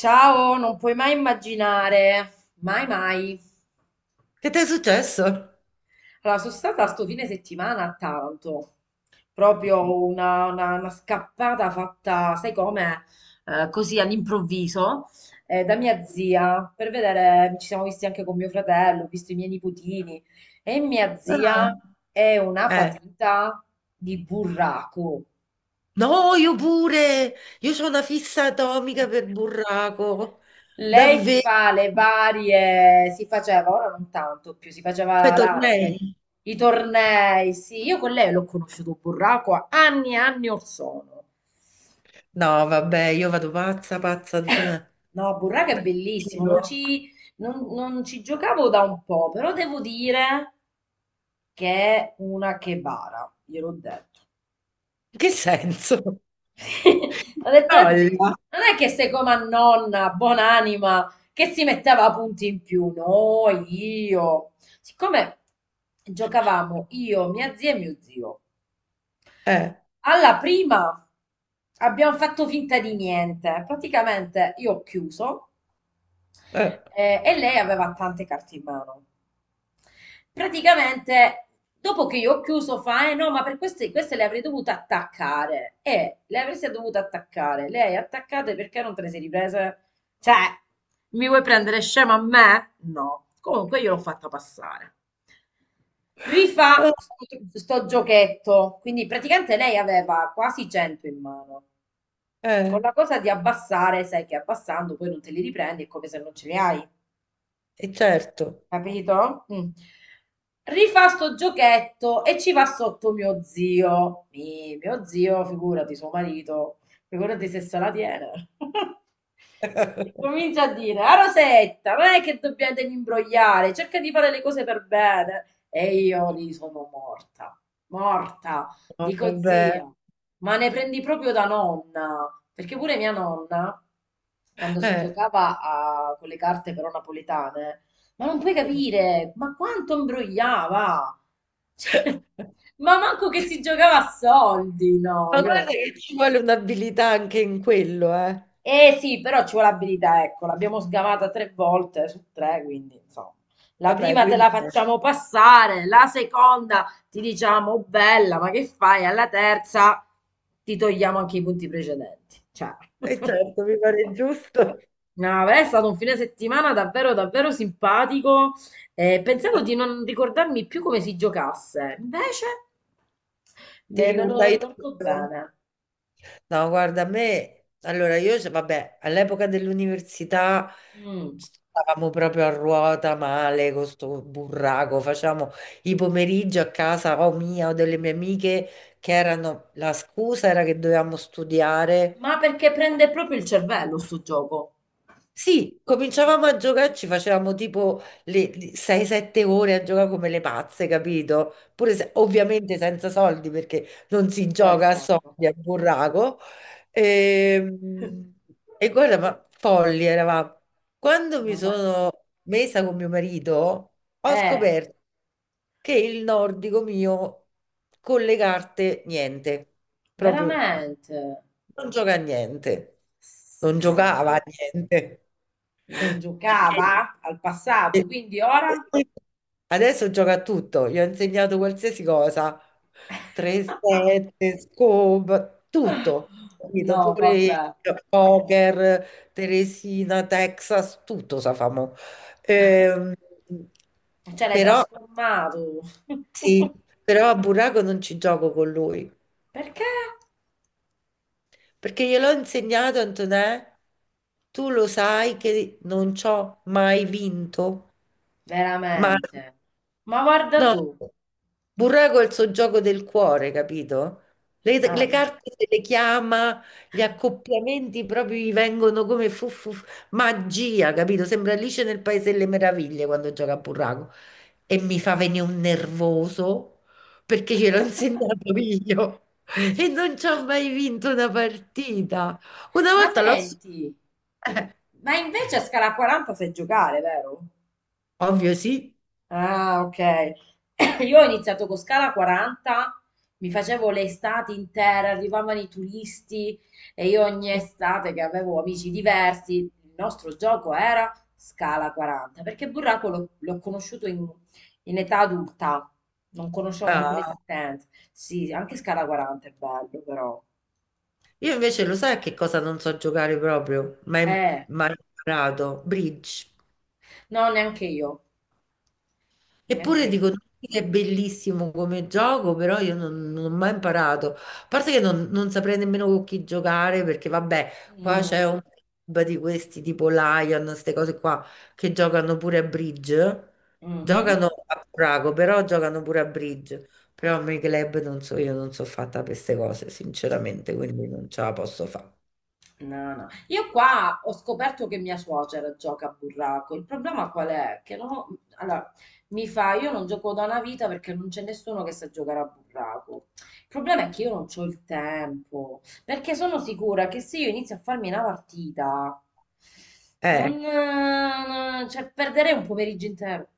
Ciao, non puoi mai immaginare, mai mai. Che ti è successo? Allora, sono stata sto fine settimana a Taranto, proprio una scappata fatta, sai come, così all'improvviso, da mia zia, per vedere, ci siamo visti anche con mio fratello, ho visto i miei nipotini, e mia Ah. zia è una Eh. patita di burraco. No, io pure, io ho una fissa atomica per burraco. Lei si Davvero? fa le varie, si faceva, ora non tanto più, si Fai faceva tornei? i tornei, sì, io con lei l'ho conosciuto Burraco a anni e anni or sono. No, vabbè, io vado pazza, pazza, Antonella. No, Burraco è bellissimo, non Io? ci, non- non ci giocavo da un po', però devo dire che è una chebara, gliel'ho detto. In che senso? Ho detto a zio, Olla. non è che sei come a nonna, buon'anima, che si metteva a punti in più. No, io. Siccome giocavamo io, mia zia e mio zio, Eh, alla prima abbiamo fatto finta di niente. Praticamente io ho chiuso eh, e lei aveva tante carte in mano. Praticamente, dopo che io ho chiuso, fa, eh no, ma per queste le avrei dovute attaccare. E le avresti dovute attaccare. Lei attaccate perché non te le sei riprese? Cioè, mi vuoi prendere scema a me? No. Comunque io l'ho fatta passare. Rifà sto giochetto. Quindi praticamente lei aveva quasi 100 in mano. Con eh, la cosa di abbassare, sai che abbassando poi non te li riprendi, è come se non ce li hai. Certo. Capito? Mm. Rifà sto giochetto e ci va sotto mio zio. Mio zio, figurati, suo marito, figurati se se la tiene. E comincia a dire, a Rosetta, non è che dobbiamo devi imbrogliare, cerca di fare le cose per bene. E io lì sono morta, morta. No, Dico, vabbè. zia, ma ne prendi proprio da nonna, perché pure mia nonna, quando si Eh. giocava con le carte però napoletane, ma non puoi capire, ma quanto imbrogliava! Cioè, ma manco che si giocava a soldi, no, Ma guarda io. che ci vuole un'abilità anche in quello, eh. Eh sì, però ci vuole abilità, ecco, l'abbiamo sgamata tre volte su tre, quindi insomma. La Vabbè, prima te quindi, la facciamo passare, la seconda ti diciamo "Oh, bella, ma che fai?" Alla terza ti togliamo anche i punti precedenti. Cioè. Certo, mi pare giusto. No, beh, è stato un fine settimana davvero, davvero simpatico. Pensavo di non ricordarmi più come si giocasse, invece Ti me lo ricordai ricordo tutto? bene. No, guarda, a me, allora io, vabbè, all'epoca dell'università Mm. stavamo proprio a ruota male con sto burraco, facciamo i pomeriggi a casa o mia o delle mie amiche che erano, la scusa era che dovevamo studiare. Ma perché prende proprio il cervello sto gioco? Sì, Mm. cominciavamo a giocare, ci facevamo tipo le 6-7 ore a giocare come le pazze, capito? Pure ovviamente senza soldi perché non si Sì, gioca a certo. soldi a burraco. E, e guarda, ma folli eravamo. Quando mi No, ma. sono messa con mio marito, ho Eh, scoperto che il nordico mio con le carte niente, proprio. veramente? Non gioca a niente, non No, giocava vabbè. a niente. Non Perché giocava al passato, e- quindi ora? poi adesso gioca a tutto, gli ho insegnato qualsiasi cosa, 3-7, scope, tutto, capito? No, Pure il vabbè. poker, Teresina, Texas, tutto sa fa mo. Ehm, Cioè, l'hai però, trasformato. sì, però a Buraco non ci gioco con lui. Perché? Perché gliel'ho insegnato, Antonè, tu lo sai che non ci ho mai vinto, mai. Veramente. Ma guarda No, tu. Burraco è il suo gioco del cuore, capito? Ah, Le carte se le chiama, gli accoppiamenti proprio gli vengono come fu magia, capito? Sembra Alice nel Paese delle Meraviglie quando gioca a Burraco. E mi fa venire un nervoso perché ce l'ho insegnato io e non ci ho mai vinto una partita. Una Ma volta l'ho... senti, ma invece a scala 40 sai giocare, vero? Ovvio sì. Ah, ok. Io ho iniziato con Scala 40, mi facevo le estati intere, arrivavano i turisti e io ogni estate che avevo amici diversi, il nostro gioco era Scala 40, perché Burraco l'ho conosciuto in età adulta, non conoscevo manco Ah. l'esistenza. Sì, anche Scala 40 è bello però. Io invece lo sai che cosa non so giocare proprio, ma im- Eh, ma ho imparato, bridge. no, neanche io, neanche Eppure io. dico tutti che è bellissimo come gioco, però io non ho mai imparato. A parte che non saprei nemmeno con chi giocare, perché vabbè, qua Mm, c'è un club di questi tipo Lion, queste cose qua, che giocano pure a bridge. mhm. Giocano a Prago, però giocano pure a bridge. Però a me i club non so, io non so fatta per queste cose, sinceramente, quindi non ce la posso No, no. Io qua ho scoperto che mia suocera gioca a burraco. Il problema qual è? Che no, allora, mi fa, io non gioco da una vita perché non c'è nessuno che sa giocare a burraco. Il problema è che io non ho il tempo, perché sono sicura che se io inizio a farmi una partita, fare. Cioè, perderei un pomeriggio intero.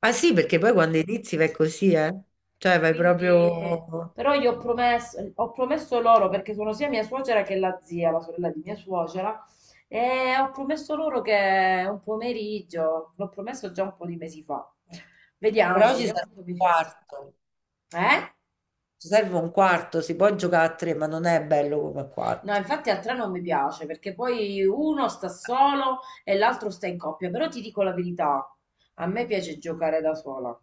Ma sì, perché poi quando inizi vai così, eh? Cioè vai Quindi, proprio... però io ho promesso loro, perché sono sia mia suocera che la zia, la sorella di mia suocera, e ho promesso loro che un pomeriggio, l'ho promesso già un po' di mesi fa. Vediamo, Però ci vediamo serve un po' un di. quarto, Eh? ci serve un quarto, si può giocare a tre, ma non è bello come a No, quattro. infatti a tre non mi piace, perché poi uno sta solo e l'altro sta in coppia, però ti dico la verità, a me piace giocare da sola.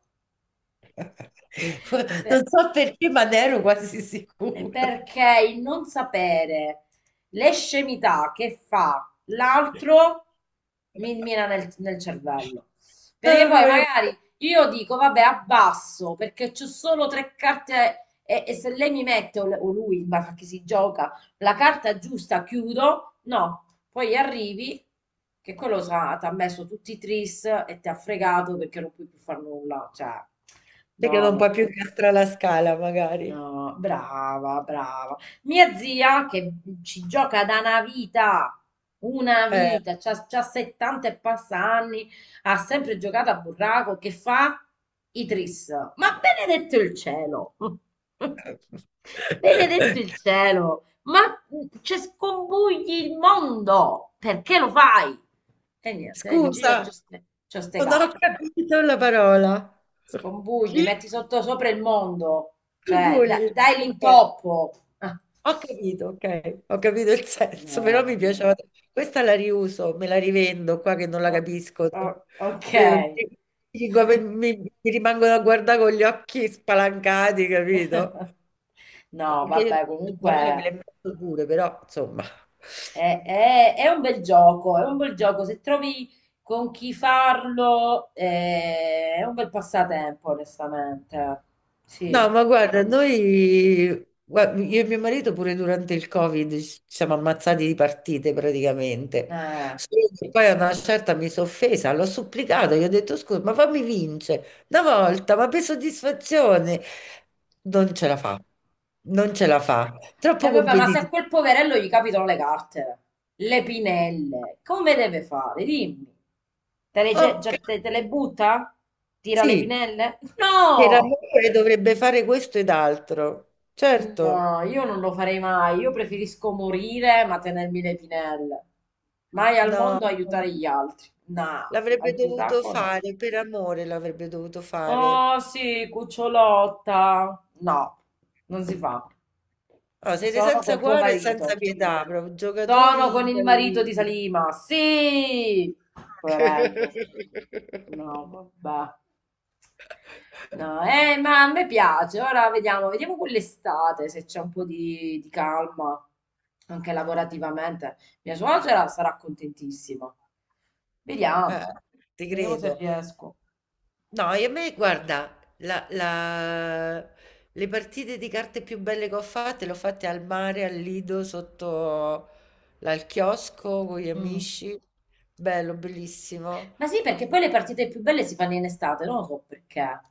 Beh, Non so perché, ma ne ero quasi sicura. perché il non sapere le scemità che fa l'altro mi mina nel cervello. Perché Ah, mi poi voglio... magari io dico, vabbè, abbasso perché c'ho solo tre carte e se lei mi mette o lui, ma che si gioca, la carta giusta, chiudo. No, poi arrivi che quello ti ha messo tutti i tris e ti ha fregato perché non puoi più fare nulla. Cioè, Perché no, non puoi no. più incastrare la scala, magari. No, brava, brava. Mia zia che ci gioca da una Eh. vita, c'ha 70 e passa anni, ha sempre giocato a burraco, che fa? I tris. Ma benedetto il cielo! Benedetto il cielo! Ma ci scombugli il mondo! Perché lo fai? E niente, dici io Scusa, c'ho ste non ho carte. capito la parola. Scombugli, Chi? metti sotto sopra il mondo, cioè da- Gugugli. dai Ok. l'intoppo. Ah, Ho capito, ok, ho capito il no, senso, però mi no. piaceva. Questa la riuso, me la rivendo qua che non la Oh, capisco. oh, Eh, ok. mi dico, mi rimangono a guardare con gli occhi spalancati, capito? No, Perché vabbè, io le me comunque le metto pure, però insomma. è un bel gioco, è un bel gioco. Se trovi con chi farlo, è un bel passatempo, onestamente. Sì. No, ma guarda, noi, io e mio marito pure durante il Covid ci siamo ammazzati di partite praticamente. Eh. Solo che poi a una certa mi sono offesa, l'ho supplicato, gli ho detto scusa, ma fammi vincere una volta, ma per soddisfazione. Non ce la fa, non ce la fa, E troppo vabbè, ma se a competitivo. quel poverello gli capitano le carte, le pinelle, come deve fare? Dimmi. Te le, ce- Ok, già- te- te le butta? Tira le sì, pinelle? per No! amore dovrebbe fare questo ed altro, No, certo. io non lo farei mai. Io preferisco morire ma tenermi le pinelle. Mai al No, mondo no. aiutare gli altri. No, al L'avrebbe dovuto burraco no. fare, per amore l'avrebbe dovuto Oh fare. sì, cucciolotta. No, non si fa. No, siete Sono senza con tuo cuore e senza marito. pietà, proprio Sono giocatori con il marito di incalliti. Salima. Sì! Poverello. No, vabbè. No, ma a me piace. Ora vediamo, vediamo con l'estate se c'è un po' di calma, anche lavorativamente. Mia suocera sarà contentissima. Vediamo, Eh, ti vediamo se credo. riesco. No, e a me, guarda, le partite di carte più belle che ho fatte le ho fatte al mare, al Lido, sotto al chiosco con gli Mm. amici. Bello, bellissimo. Ma sì, perché poi le partite più belle si fanno in estate, non lo so perché.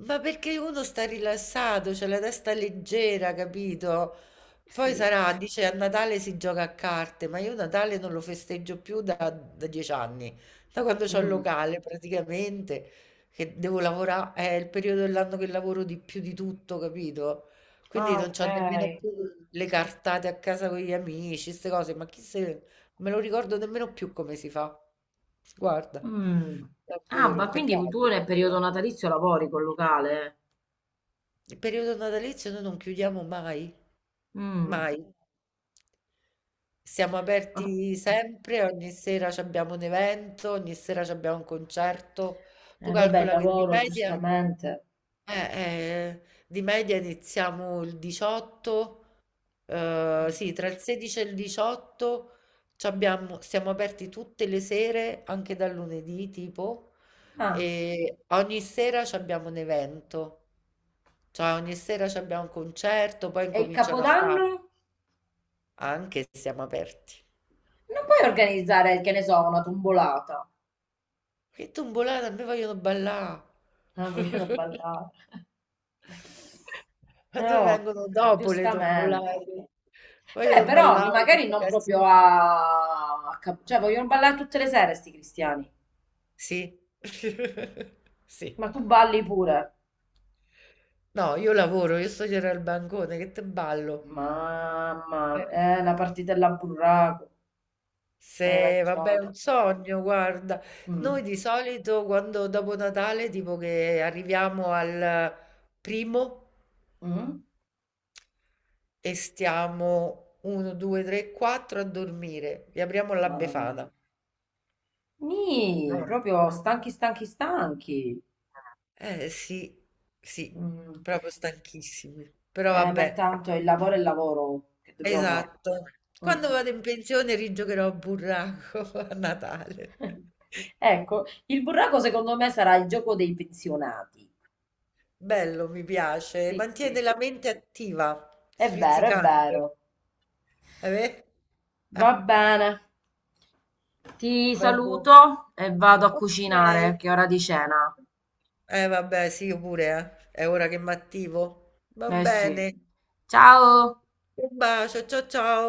Ma perché uno sta rilassato, c'è la testa leggera, capito? Poi Sì. sarà, dice, a Natale si gioca a carte, ma io Natale non lo festeggio più da 10 anni, da quando c'ho il Mm. locale praticamente, che devo lavorare, è il periodo dell'anno che lavoro di più di tutto, capito? Quindi Ah, non ok. c'ho nemmeno più le cartate a casa con gli amici, queste cose, ma chi se... non me lo ricordo nemmeno più come si fa. Guarda, Mm. Ah, davvero, ma un quindi peccato. tu nel periodo natalizio lavori col locale? Il periodo natalizio noi non chiudiamo mai, Mm. mai. Siamo Ah. aperti sempre, ogni sera c'abbiamo un evento, ogni sera c'abbiamo un concerto. Tu Vabbè, il calcola che lavoro, giustamente. eh, eh, di media iniziamo il 18. Uhm, Mm. sì, tra il 16 e il 18 c'abbiamo, siamo aperti tutte le sere, anche dal lunedì tipo, Ah, e ogni sera c'abbiamo un evento. Cioè ogni sera c'abbiamo un concerto, poi e il incominciano a fare capodanno? anche se siamo aperti. Non puoi organizzare, che ne so, una tombolata. Che tombolate, a me vogliono ballà. Ah, vogliono ballare. A noi Oh, vengono dopo le giustamente. tombolate. Vabbè, Vogliono però ballare, magari tutto non casino. proprio cioè, vogliono ballare tutte le sere, sti cristiani. Sì. Sì. Ma tu balli pure. No, io lavoro, io stasera al bancone, che te ballo. Mamma, Eh, la partitella a burraco. Hai Se, vabbè, è ragione. un sogno, guarda. Mm. Noi di solito quando dopo Natale, tipo che arriviamo al primo Mm. e stiamo 1, 2, 3, 4 a dormire, vi apriamo la Mamma. Befana. Nì, No. proprio stanchi, stanchi, stanchi. Eh sì, sì, Mm. proprio stanchissimi. Però Ma vabbè, intanto il lavoro è il lavoro che dobbiamo esatto. fare. Mm, Quando mm. vado in pensione rigiocherò a burraco a Natale. Ecco, il burraco secondo me sarà il gioco dei pensionati. Bello, mi piace. Sì, Mantiene sì, la mente attiva, è vero, è sfrizzicante. vero. Beh? Va Ah, bene, ti vabbè. saluto e vado a Ok. cucinare, che è ora di cena. Eh vabbè, sì, io pure, eh. È ora che mi attivo. Va Eh sì. bene. Ciao! Un bacio, ciao ciao.